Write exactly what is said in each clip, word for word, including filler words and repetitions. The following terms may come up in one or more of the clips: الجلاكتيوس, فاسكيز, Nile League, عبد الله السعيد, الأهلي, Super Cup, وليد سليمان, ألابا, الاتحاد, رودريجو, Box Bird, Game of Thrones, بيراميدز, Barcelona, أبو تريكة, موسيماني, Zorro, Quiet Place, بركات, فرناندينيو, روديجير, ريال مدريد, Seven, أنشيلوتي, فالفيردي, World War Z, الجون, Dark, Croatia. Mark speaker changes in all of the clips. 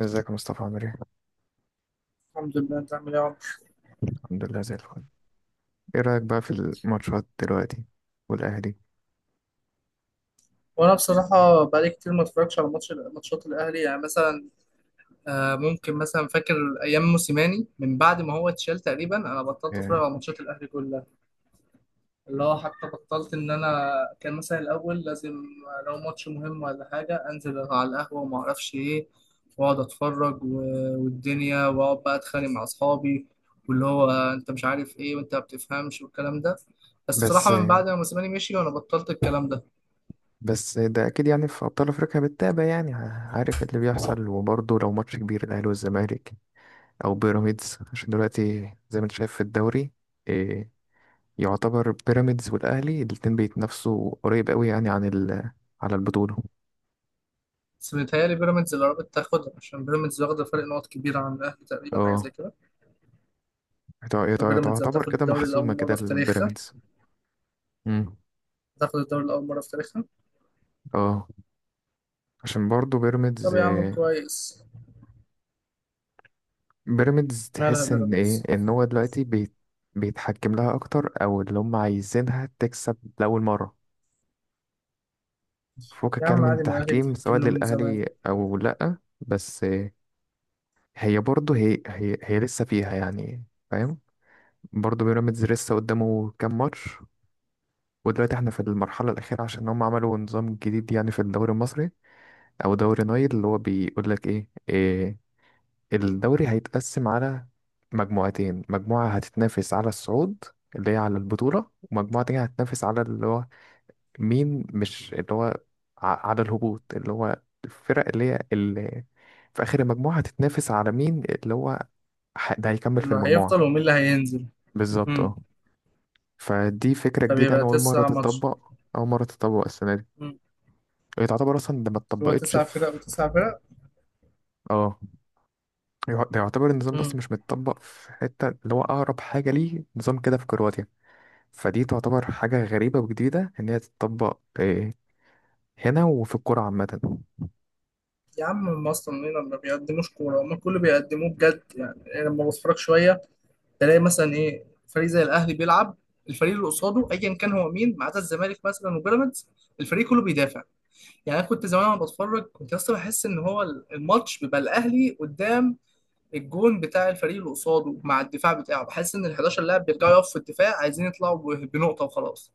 Speaker 1: ازيك يا مصطفى عامل ايه؟
Speaker 2: الحمد لله. انت عامل ايه يا عمر؟
Speaker 1: الحمد لله زي الفل. ايه رأيك بقى في الماتشات دلوقتي والأهلي؟
Speaker 2: وانا بصراحه بقالي كتير ما اتفرجش على ماتش ماتشات الاهلي، يعني مثلا آه، ممكن مثلا فاكر ايام موسيماني. من بعد ما هو اتشال تقريبا انا بطلت اتفرج
Speaker 1: آه،
Speaker 2: على ماتشات الاهلي كلها، اللي هو حتى بطلت ان انا كان مثلا الاول لازم، آه، لو ماتش مهم ولا حاجه انزل على القهوه وما اعرفش ايه، واقعد اتفرج و- والدنيا، واقعد بقى اتخانق مع اصحابي، واللي هو آه، انت مش عارف ايه وانت ما بتفهمش والكلام ده. بس
Speaker 1: بس
Speaker 2: بصراحه من بعد ما موسيماني مشي وانا بطلت الكلام ده.
Speaker 1: بس ده أكيد يعني في أبطال أفريقيا بتتابع، يعني ع- عارف اللي بيحصل، وبرضه لو ماتش كبير الأهلي والزمالك أو بيراميدز، عشان دلوقتي زي ما انت شايف في الدوري. آه، يعتبر بيراميدز والأهلي الاتنين بيتنافسوا قريب قوي، يعني عن ال على البطولة.
Speaker 2: بس متهيألي بيراميدز اللي قربت تاخدها، عشان بيراميدز واخدة فرق نقط كبيرة عن الأهلي، تقريبا حاجة
Speaker 1: اه،
Speaker 2: زي كده.
Speaker 1: يتع- يتع-
Speaker 2: فبيراميدز
Speaker 1: تعتبر
Speaker 2: هتاخد
Speaker 1: كده
Speaker 2: الدوري
Speaker 1: محسومة
Speaker 2: لأول
Speaker 1: كده
Speaker 2: مرة في تاريخها،
Speaker 1: البيراميدز. مم.
Speaker 2: هتاخد الدوري لأول مرة في تاريخها.
Speaker 1: اه، عشان برضه
Speaker 2: طب
Speaker 1: بيراميدز
Speaker 2: يا عم كويس،
Speaker 1: بيراميدز
Speaker 2: مالها
Speaker 1: تحس ان ايه،
Speaker 2: بيراميدز.
Speaker 1: ان هو دلوقتي بيت بيتحكم لها اكتر، او اللي هم عايزينها تكسب لاول مره فوق،
Speaker 2: يا
Speaker 1: كان
Speaker 2: عم
Speaker 1: من
Speaker 2: عادي، ما الأهلي
Speaker 1: تحكيم سواء
Speaker 2: بيتحكم له من زمان.
Speaker 1: للاهلي او لا. بس هي برضه هي هي هي لسه فيها يعني، فاهم. برضه بيراميدز لسه قدامه كام ماتش، ودلوقتي احنا في المرحله الاخيره عشان هم عملوا نظام جديد يعني في الدوري المصري او دوري نايل. اللي هو بيقول لك ايه, إيه، الدوري هيتقسم على مجموعتين، مجموعة هتتنافس على الصعود اللي هي على البطولة، ومجموعة تانية هتتنافس على اللي هو مين مش اللي هو ع- على الهبوط، اللي هو الفرق اللي هي اللي في آخر المجموعة هتتنافس على مين اللي هو ح- ده هيكمل في
Speaker 2: اللي
Speaker 1: المجموعة.
Speaker 2: هيفضل ومين اللي هينزل.
Speaker 1: بالظبط
Speaker 2: مم.
Speaker 1: اه. فدي فكرة جديدة، أنا
Speaker 2: فبيبقى
Speaker 1: أول مرة
Speaker 2: تسع ماتش.
Speaker 1: تتطبق أول مرة تتطبق السنة دي.
Speaker 2: مم.
Speaker 1: هي تعتبر أصلا ده ما
Speaker 2: هو
Speaker 1: اتطبقتش
Speaker 2: تسع
Speaker 1: في.
Speaker 2: فرق وتسع فرق.
Speaker 1: اه، يع- ده يعتبر النظام ده أصلا
Speaker 2: مم.
Speaker 1: مش متطبق في حتة، اللي هو أقرب حاجة ليه نظام كده في كرواتيا. فدي تعتبر حاجة غريبة وجديدة إن هي تتطبق إيه، هنا وفي الكورة عامة.
Speaker 2: يا عم هم أصلا هنا ما بيقدموش كورة، هم كله بيقدموه بجد. يعني أنا لما بتفرج شوية تلاقي مثلا ايه فريق زي الاهلي بيلعب، الفريق اللي قصاده ايا كان هو مين ما عدا الزمالك مثلا وبيراميدز، الفريق كله بيدافع. يعني انا كنت زمان وانا بتفرج كنت اصلا بحس ان هو الماتش بيبقى الاهلي قدام الجون بتاع الفريق اللي قصاده مع الدفاع بتاعه، بحس ان ال حداشر لاعب بيرجعوا يقفوا في الدفاع عايزين يطلعوا ب- بنقطه وخلاص.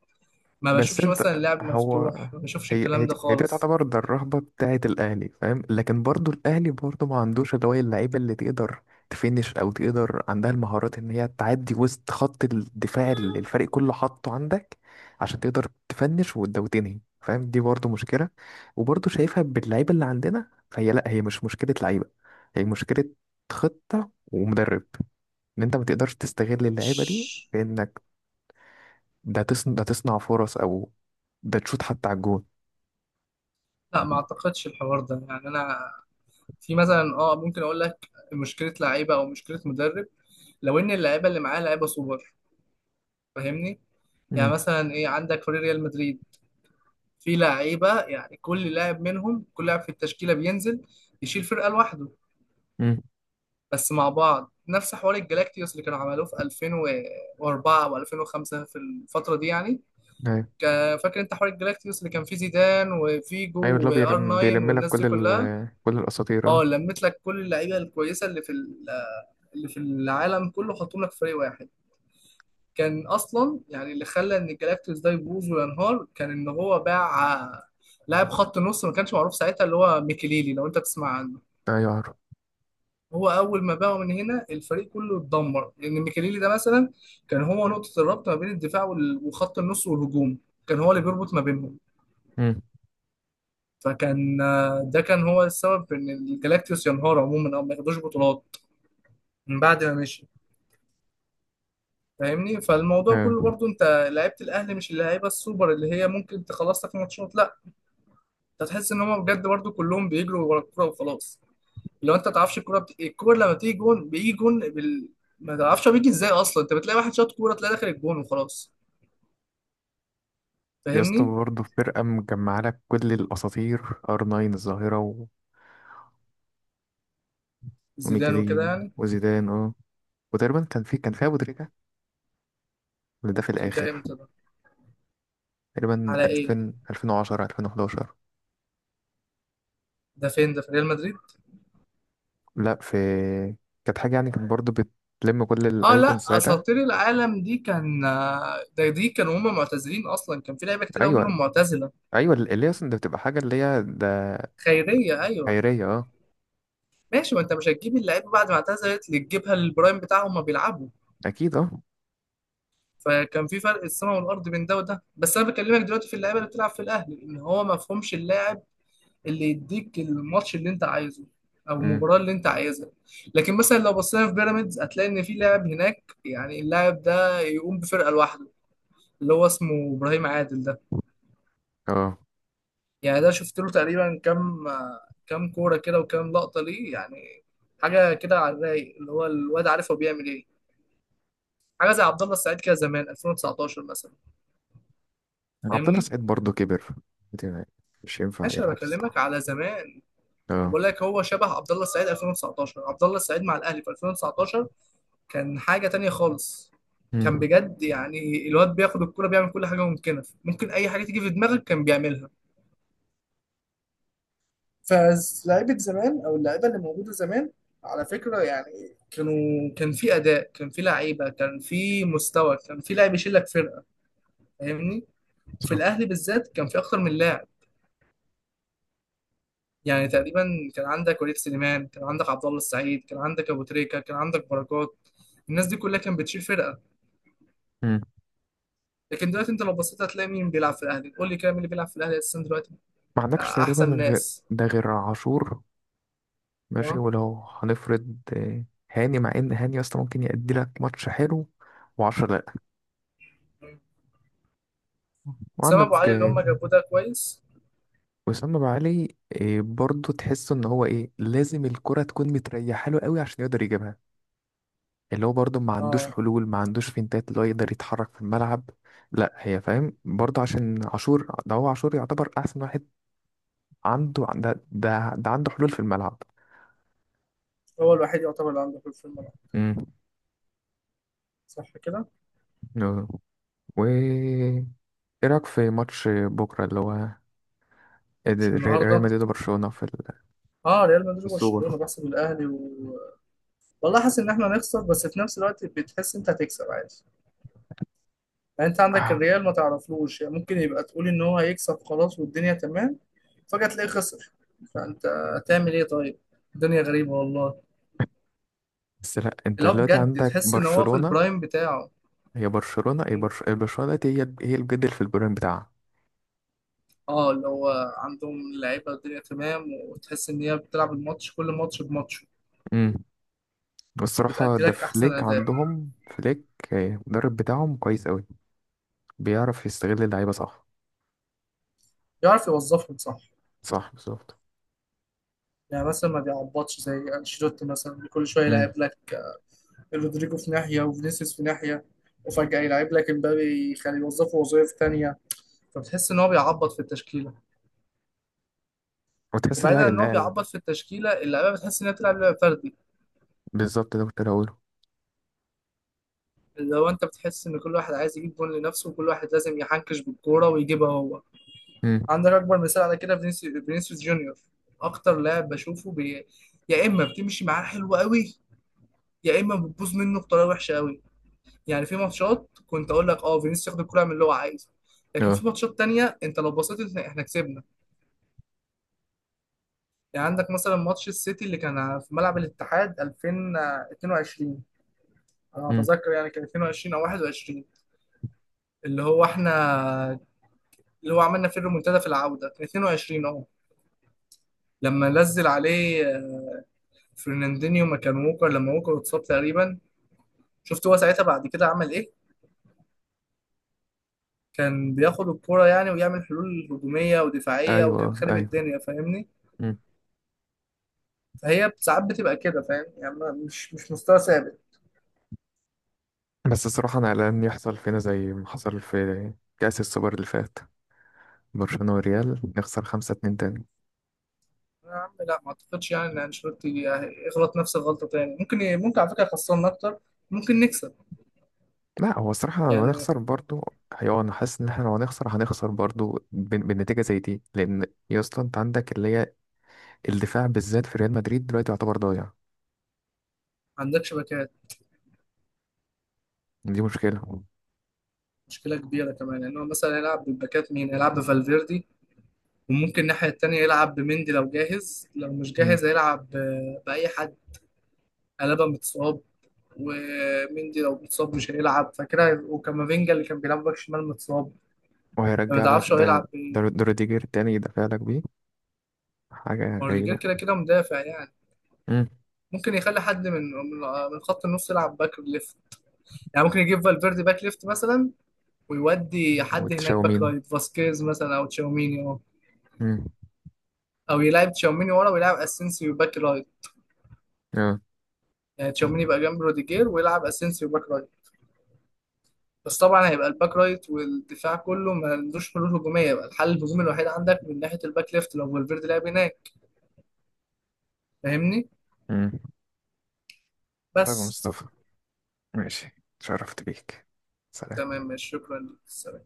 Speaker 2: ما
Speaker 1: بس
Speaker 2: بشوفش
Speaker 1: أنت،
Speaker 2: مثلا لعب
Speaker 1: هو،
Speaker 2: مفتوح، ما بشوفش
Speaker 1: هي هي
Speaker 2: الكلام ده
Speaker 1: دي هي دي
Speaker 2: خالص.
Speaker 1: تعتبر ده الرهبة بتاعة الأهلي، فاهم. لكن برضو الأهلي برضو ما عندوش اللي هو اللعيبة اللي تقدر تفنش أو تقدر، عندها المهارات إن هي تعدي وسط خط الدفاع اللي الفريق كله حاطه عندك، عشان تقدر تفنش وت- وتنهي، فاهم. دي برضو مشكلة، وبرضو شايفها باللعيبة اللي عندنا، فهي لأ، هي مش مشكلة لعيبة، هي مشكلة خطة ومدرب، ان انت ما تقدرش تستغل اللعيبه دي
Speaker 2: مش
Speaker 1: في انك ده تصنع ده تصنع فرص، او ده تشوط حتى على الجون.
Speaker 2: لا، ما اعتقدش الحوار ده. يعني انا في مثلا اه ممكن اقول لك مشكله لعيبه او مشكله مدرب، لو ان اللعيبه اللي معاه لعيبه سوبر. فاهمني؟ يعني
Speaker 1: امم.
Speaker 2: مثلا ايه، عندك فريق ريال مدريد في لعيبه، يعني كل لاعب منهم، كل لاعب في التشكيله بينزل يشيل فرقه لوحده،
Speaker 1: امم.
Speaker 2: بس مع بعض. نفس حوار الجلاكتيوس اللي كانوا عملوه في الفين واربعه او الفين وخمسه، في الفتره دي يعني.
Speaker 1: ايوه.
Speaker 2: كا- فاكر انت حوار الجلاكتيوس اللي كان فيه زيدان وفيجو
Speaker 1: ايوه، اللي هو
Speaker 2: وار
Speaker 1: بيلم,
Speaker 2: تسعه
Speaker 1: بيلم لك
Speaker 2: والناس
Speaker 1: كل
Speaker 2: دي كلها؟
Speaker 1: ال كل الاساطير
Speaker 2: اه،
Speaker 1: اه.
Speaker 2: لميت لك كل اللعيبه الكويسه اللي في ال- اللي في العالم كله، حطهم لك في فريق واحد. كان اصلا يعني اللي خلى ان الجلاكتيوس ده يبوظ وينهار كان ان هو باع آه، لاعب خط نص ما كانش معروف ساعتها، اللي هو ميكيليلي، لو انت تسمع عنه.
Speaker 1: ايوه عارف.
Speaker 2: هو اول ما باعه من هنا الفريق كله اتدمر، لان ميكيليلي ده مثلا كان هو نقطة الربط ما بين الدفاع وال- وخط النص والهجوم، كان هو اللي بيربط ما بينهم.
Speaker 1: امم.
Speaker 2: فكان آه، ده كان هو السبب في ان الجلاكتيوس ينهار عموما او ما ياخدوش بطولات من بعد ما مشي. فاهمني؟ فالموضوع كله
Speaker 1: ايوه.
Speaker 2: برضو، انت لعيبه الاهلي مش اللعيبه السوبر اللي هي ممكن تخلص لك ماتشات، لا. انت تحس ان هم بجد برضو كلهم بيجروا ورا الكوره وخلاص. لو انت ما تعرفش الكوره بت... الكوره لما بتيجي جون بيجي جون بال... ما تعرفش هو بيجي ازاي اصلا. انت بتلاقي واحد شاط كوره تلاقي داخل الجون وخلاص.
Speaker 1: يا اسطى،
Speaker 2: فاهمني؟
Speaker 1: برضه في فرقه مجمعه لك كل الاساطير، ار ناين الظاهره، و-
Speaker 2: زيدان وكده
Speaker 1: وميكاليل
Speaker 2: يعني.
Speaker 1: وزيدان اه. وتقريبا كان في كان فيها ابو تريكه، ولا ده في
Speaker 2: شركه
Speaker 1: الاخر.
Speaker 2: امتى ده،
Speaker 1: تقريبا
Speaker 2: على ايه؟
Speaker 1: ألفين، ألفين وعشرة، ألفين وإحدى عشر.
Speaker 2: ده فين، ده في ريال مدريد؟
Speaker 1: لا، في، كانت حاجه يعني، كانت برضه بتلم كل
Speaker 2: اه
Speaker 1: الايكونز
Speaker 2: لا،
Speaker 1: ساعتها.
Speaker 2: اساطير العالم دي كان، ده دي كانوا هم معتزلين اصلا، كان في لعيبه كتير قوي
Speaker 1: ايوه.
Speaker 2: منهم معتزله.
Speaker 1: ايوه، ال- اللي هي اصلا ده بتبقى حاجه اللي هي ده،
Speaker 2: خيريه ايوه.
Speaker 1: خيريه اه.
Speaker 2: ماشي ما انت مش هتجيب اللعيبه بعد ما اعتزلت، اللي تجيبها للبرايم بتاعهم ما بيلعبوا.
Speaker 1: اكيد اه.
Speaker 2: فكان في فرق السماء والارض بين ده وده. بس انا بكلمك دلوقتي في اللعيبه اللي بتلعب في الاهلي ان هو ما فهمش اللاعب اللي يديك الماتش اللي انت عايزه او
Speaker 1: امم.
Speaker 2: المباراه اللي انت عايزها. لكن مثلا لو بصينا في بيراميدز هتلاقي ان في لاعب هناك، يعني اللاعب ده يقوم بفرقه لوحده، اللي هو اسمه ابراهيم عادل ده.
Speaker 1: اه.
Speaker 2: يعني ده شفت له تقريبا كام كام كوره كده وكام لقطه ليه، يعني حاجه كده على الرايق، اللي هو الواد عارف هو بيعمل ايه. حاجه زي عبد الله السعيد كده زمان الفين وتسعتاشر مثلا.
Speaker 1: عبد الله
Speaker 2: فاهمني؟
Speaker 1: سعيد برضه كبر دي، مش ينفع
Speaker 2: ماشي انا
Speaker 1: يلعب
Speaker 2: بكلمك
Speaker 1: الصراحه.
Speaker 2: على زمان،
Speaker 1: اه.
Speaker 2: بقول لك هو شبه عبد الله السعيد الفين وتسعتاشر. عبد الله السعيد مع الاهلي في الفين وتسعتاشر كان حاجه تانية خالص. كان
Speaker 1: امم.
Speaker 2: بجد يعني الواد بياخد الكوره، بيعمل كل حاجه ممكنه، ممكن اي حاجه تيجي في دماغك كان بيعملها. فلاعيبه زمان او اللعيبه اللي موجوده زمان، على فكره يعني كانوا، كان في اداء، كان في لعيبه، كان في مستوى، كان في لاعب يشيل لك فرقه. فاهمني؟ وفي
Speaker 1: صح.
Speaker 2: الاهلي بالذات كان في اكتر من لاعب، يعني تقريبا كان عندك وليد سليمان، كان عندك عبد الله السعيد، كان عندك ابو تريكه، كان عندك بركات، الناس دي كلها كانت بتشيل فرقه.
Speaker 1: امم.
Speaker 2: لكن دلوقتي انت لو بصيت هتلاقي مين بيلعب في الاهلي؟ قول لي كده مين اللي بيلعب في الاهلي اساسا دلوقتي؟
Speaker 1: ما عندكش تقريبا
Speaker 2: احسن
Speaker 1: غير
Speaker 2: ناس
Speaker 1: ده، غير عاشور. ماشي
Speaker 2: اه
Speaker 1: ولو. هنفرض آه، هاني، مع ان هاني اصلا ممكن يأدي لك ماتش حلو وعشرة، لا.
Speaker 2: اسامه ابو
Speaker 1: وعندك
Speaker 2: علي اللي
Speaker 1: آه،
Speaker 2: هم جابوه ده كويس.
Speaker 1: وسام ابو علي. آه، برضه تحس ان هو ايه، لازم الكرة تكون متريحه له قوي عشان يقدر يجيبها، اللي هو برضه ما عندوش
Speaker 2: اه
Speaker 1: حلول، ما عندوش فينتات اللي هو يقدر يتحرك في الملعب. لا، هي فاهم، برضه عشان عاشور ده، هو عاشور يعتبر احسن واحد عنده، ده ده, ده عنده حلول في الملعب.
Speaker 2: هو الوحيد يعتبر اللي عنده في الملعب.
Speaker 1: امم.
Speaker 2: صح كده؟
Speaker 1: آه. و ايه رايك في ماتش بكره، اللي هو
Speaker 2: مش
Speaker 1: ريال ريال
Speaker 2: النهارده.
Speaker 1: مدريد وبرشلونه في ال،
Speaker 2: اه ريال
Speaker 1: في
Speaker 2: مدريد
Speaker 1: السوبر.
Speaker 2: وبرشلونه بحسب الاهلي و... والله حاسس ان احنا هنخسر، بس في نفس الوقت بتحس انت هتكسب عادي. يعني انت عندك
Speaker 1: آه.
Speaker 2: الريال ما تعرفلوش، يعني ممكن يبقى تقول ان هو هيكسب خلاص والدنيا تمام، فجأة تلاقيه خسر. فانت هتعمل ايه طيب؟ الدنيا غريبة والله.
Speaker 1: بس لا، انت
Speaker 2: لا
Speaker 1: دلوقتي
Speaker 2: بجد
Speaker 1: عندك
Speaker 2: تحس ان هو في
Speaker 1: برشلونه.
Speaker 2: البرايم بتاعه.
Speaker 1: هي برشلونه هي
Speaker 2: مم.
Speaker 1: برش... برشلونه دلوقتي هي هي الجد في البرين بتاعها.
Speaker 2: اه اللي هو عندهم لعيبة الدنيا تمام، وتحس ان هي بتلعب الماتش كل ماتش بماتشه،
Speaker 1: امم. والصراحه
Speaker 2: وبتأدي
Speaker 1: ده
Speaker 2: لك احسن
Speaker 1: فليك،
Speaker 2: اداء.
Speaker 1: عندهم فليك. آه، المدرب بتاعهم كويس قوي، بيعرف يستغل اللعيبة صح.
Speaker 2: يعرف يوظفهم صح.
Speaker 1: صح بالظبط.
Speaker 2: يعني مثلا ما بيعبطش زي انشيلوتي مثلا، اللي كل شويه يلعب
Speaker 1: امم.
Speaker 2: لك رودريجو في ناحيه وفينيسيوس في ناحيه، وفجاه يلعب لك امبابي يخليه يوظفه وظائف تانية. فبتحس ان هو بيعبط في التشكيله.
Speaker 1: وتحس
Speaker 2: وبعيدا
Speaker 1: اللعيبة
Speaker 2: عن ان هو
Speaker 1: اللعيبة.
Speaker 2: بيعبط في التشكيله، اللعيبه بتحس انها بتلعب لعب فردي،
Speaker 1: بالظبط، ده كنت هقوله.
Speaker 2: اللي هو انت بتحس ان كل واحد عايز يجيب جون لنفسه، وكل واحد لازم يحنكش بالكوره ويجيبها هو.
Speaker 1: امم.
Speaker 2: عندك اكبر مثال على كده فينيسيوس، فينيسيوس جونيور. اكتر لاعب بشوفه بي... يا اما بتمشي معاه حلو قوي، يا اما بتبوظ منه بطريقه وحشه قوي. يعني في ماتشات كنت اقول لك اه فينيسيوس ياخد الكوره يعمل اللي هو عايزه، لكن
Speaker 1: اه.
Speaker 2: في ماتشات تانية انت لو بصيت احنا إحنا كسبنا. يعني عندك مثلا ماتش السيتي اللي كان في ملعب الاتحاد الفين واتنين وعشرين، انا
Speaker 1: امم.
Speaker 2: اتذكر يعني كان اتنين وعشرين او واحد وعشرين، اللي هو احنا اللي هو عملنا فيه الريمونتادا في العوده كان اتنين وعشرين اهو. لما نزل عليه فرناندينيو مكان ووكر، لما ووكر اتصاب تقريبا، شفت هو ساعتها بعد كده عمل ايه؟ كان بياخد الكوره يعني ويعمل حلول هجوميه ودفاعيه،
Speaker 1: ايوه.
Speaker 2: وكان
Speaker 1: آه،
Speaker 2: خارب
Speaker 1: ايوه.
Speaker 2: الدنيا. فاهمني؟
Speaker 1: امم.
Speaker 2: فهي ساعات بتبقى كده، فاهم؟ يعني ما- مش مش مستوى ثابت.
Speaker 1: بس الصراحه انا قلقان يحصل فينا زي ما حصل في كاس السوبر اللي فات، برشلونه والريال، نخسر خمسة اتنين تاني.
Speaker 2: يا عم لا ما اعتقدش يعني ان انشيلوتي يغلط نفس الغلطه تاني. ممكن، ممكن على فكره يخسرنا اكتر، ممكن نكسب.
Speaker 1: لا هو الصراحه لو
Speaker 2: يعني ما
Speaker 1: هنخسر برضو. ايوه، انا حاسس ان احنا لو هنخسر هنخسر برضو بن- بالنتيجه زي دي، لان يا اسطى انت عندك اللي هي الدفاع بالذات في ريال مدريد دلوقتي يعتبر ضايع.
Speaker 2: عندكش باكات،
Speaker 1: دي مشكله.
Speaker 2: مشكلة كبيرة كمان، لأن هو مثلا يلعب بالباكات مين؟ يلعب بفالفيردي، وممكن الناحية التانية يلعب بمندي لو جاهز، لو مش
Speaker 1: مم.
Speaker 2: جاهز هيلعب ب- بأي حد. ألابا متصاب، ومندي لو متصاب مش هيلعب، فكده هيبقوا- وكامافينجا اللي كان بيلعب باك شمال متصاب. فما
Speaker 1: وهيرجع لك
Speaker 2: تعرفش هو
Speaker 1: ده.
Speaker 2: هيلعب
Speaker 1: ده
Speaker 2: بإيه.
Speaker 1: رو- ده روديجير تاني يدافع لك بيه، حاجة
Speaker 2: وروديجير
Speaker 1: غريبة.
Speaker 2: كده كده مدافع يعني.
Speaker 1: مم.
Speaker 2: ممكن يخلي حد من من من خط النص يلعب باك ليفت، يعني ممكن يجيب فالفيردي باك ليفت مثلا، ويودي حد هناك باك
Speaker 1: وتشاومين.
Speaker 2: رايت، فاسكيز مثلا أو تشاوميني، أو
Speaker 1: مم.
Speaker 2: أو يلعب تشاوميني ورا ويلعب اسينسيو باك رايت.
Speaker 1: اه.
Speaker 2: يعني تشاوميني يبقى جنب روديجير ويلعب اسينسيو باك رايت. بس طبعا هيبقى الباك رايت والدفاع كله ما عندوش حلول هجوميه، يبقى الحل الهجومي الوحيد عندك من ناحيه الباك ليفت لو فالفيردي لعب هناك. فاهمني؟
Speaker 1: مم. طيب يا
Speaker 2: بس.
Speaker 1: مصطفى، ماشي، اتشرفت بيك، سلام.
Speaker 2: تمام ماشي، شكرا لك، سلام.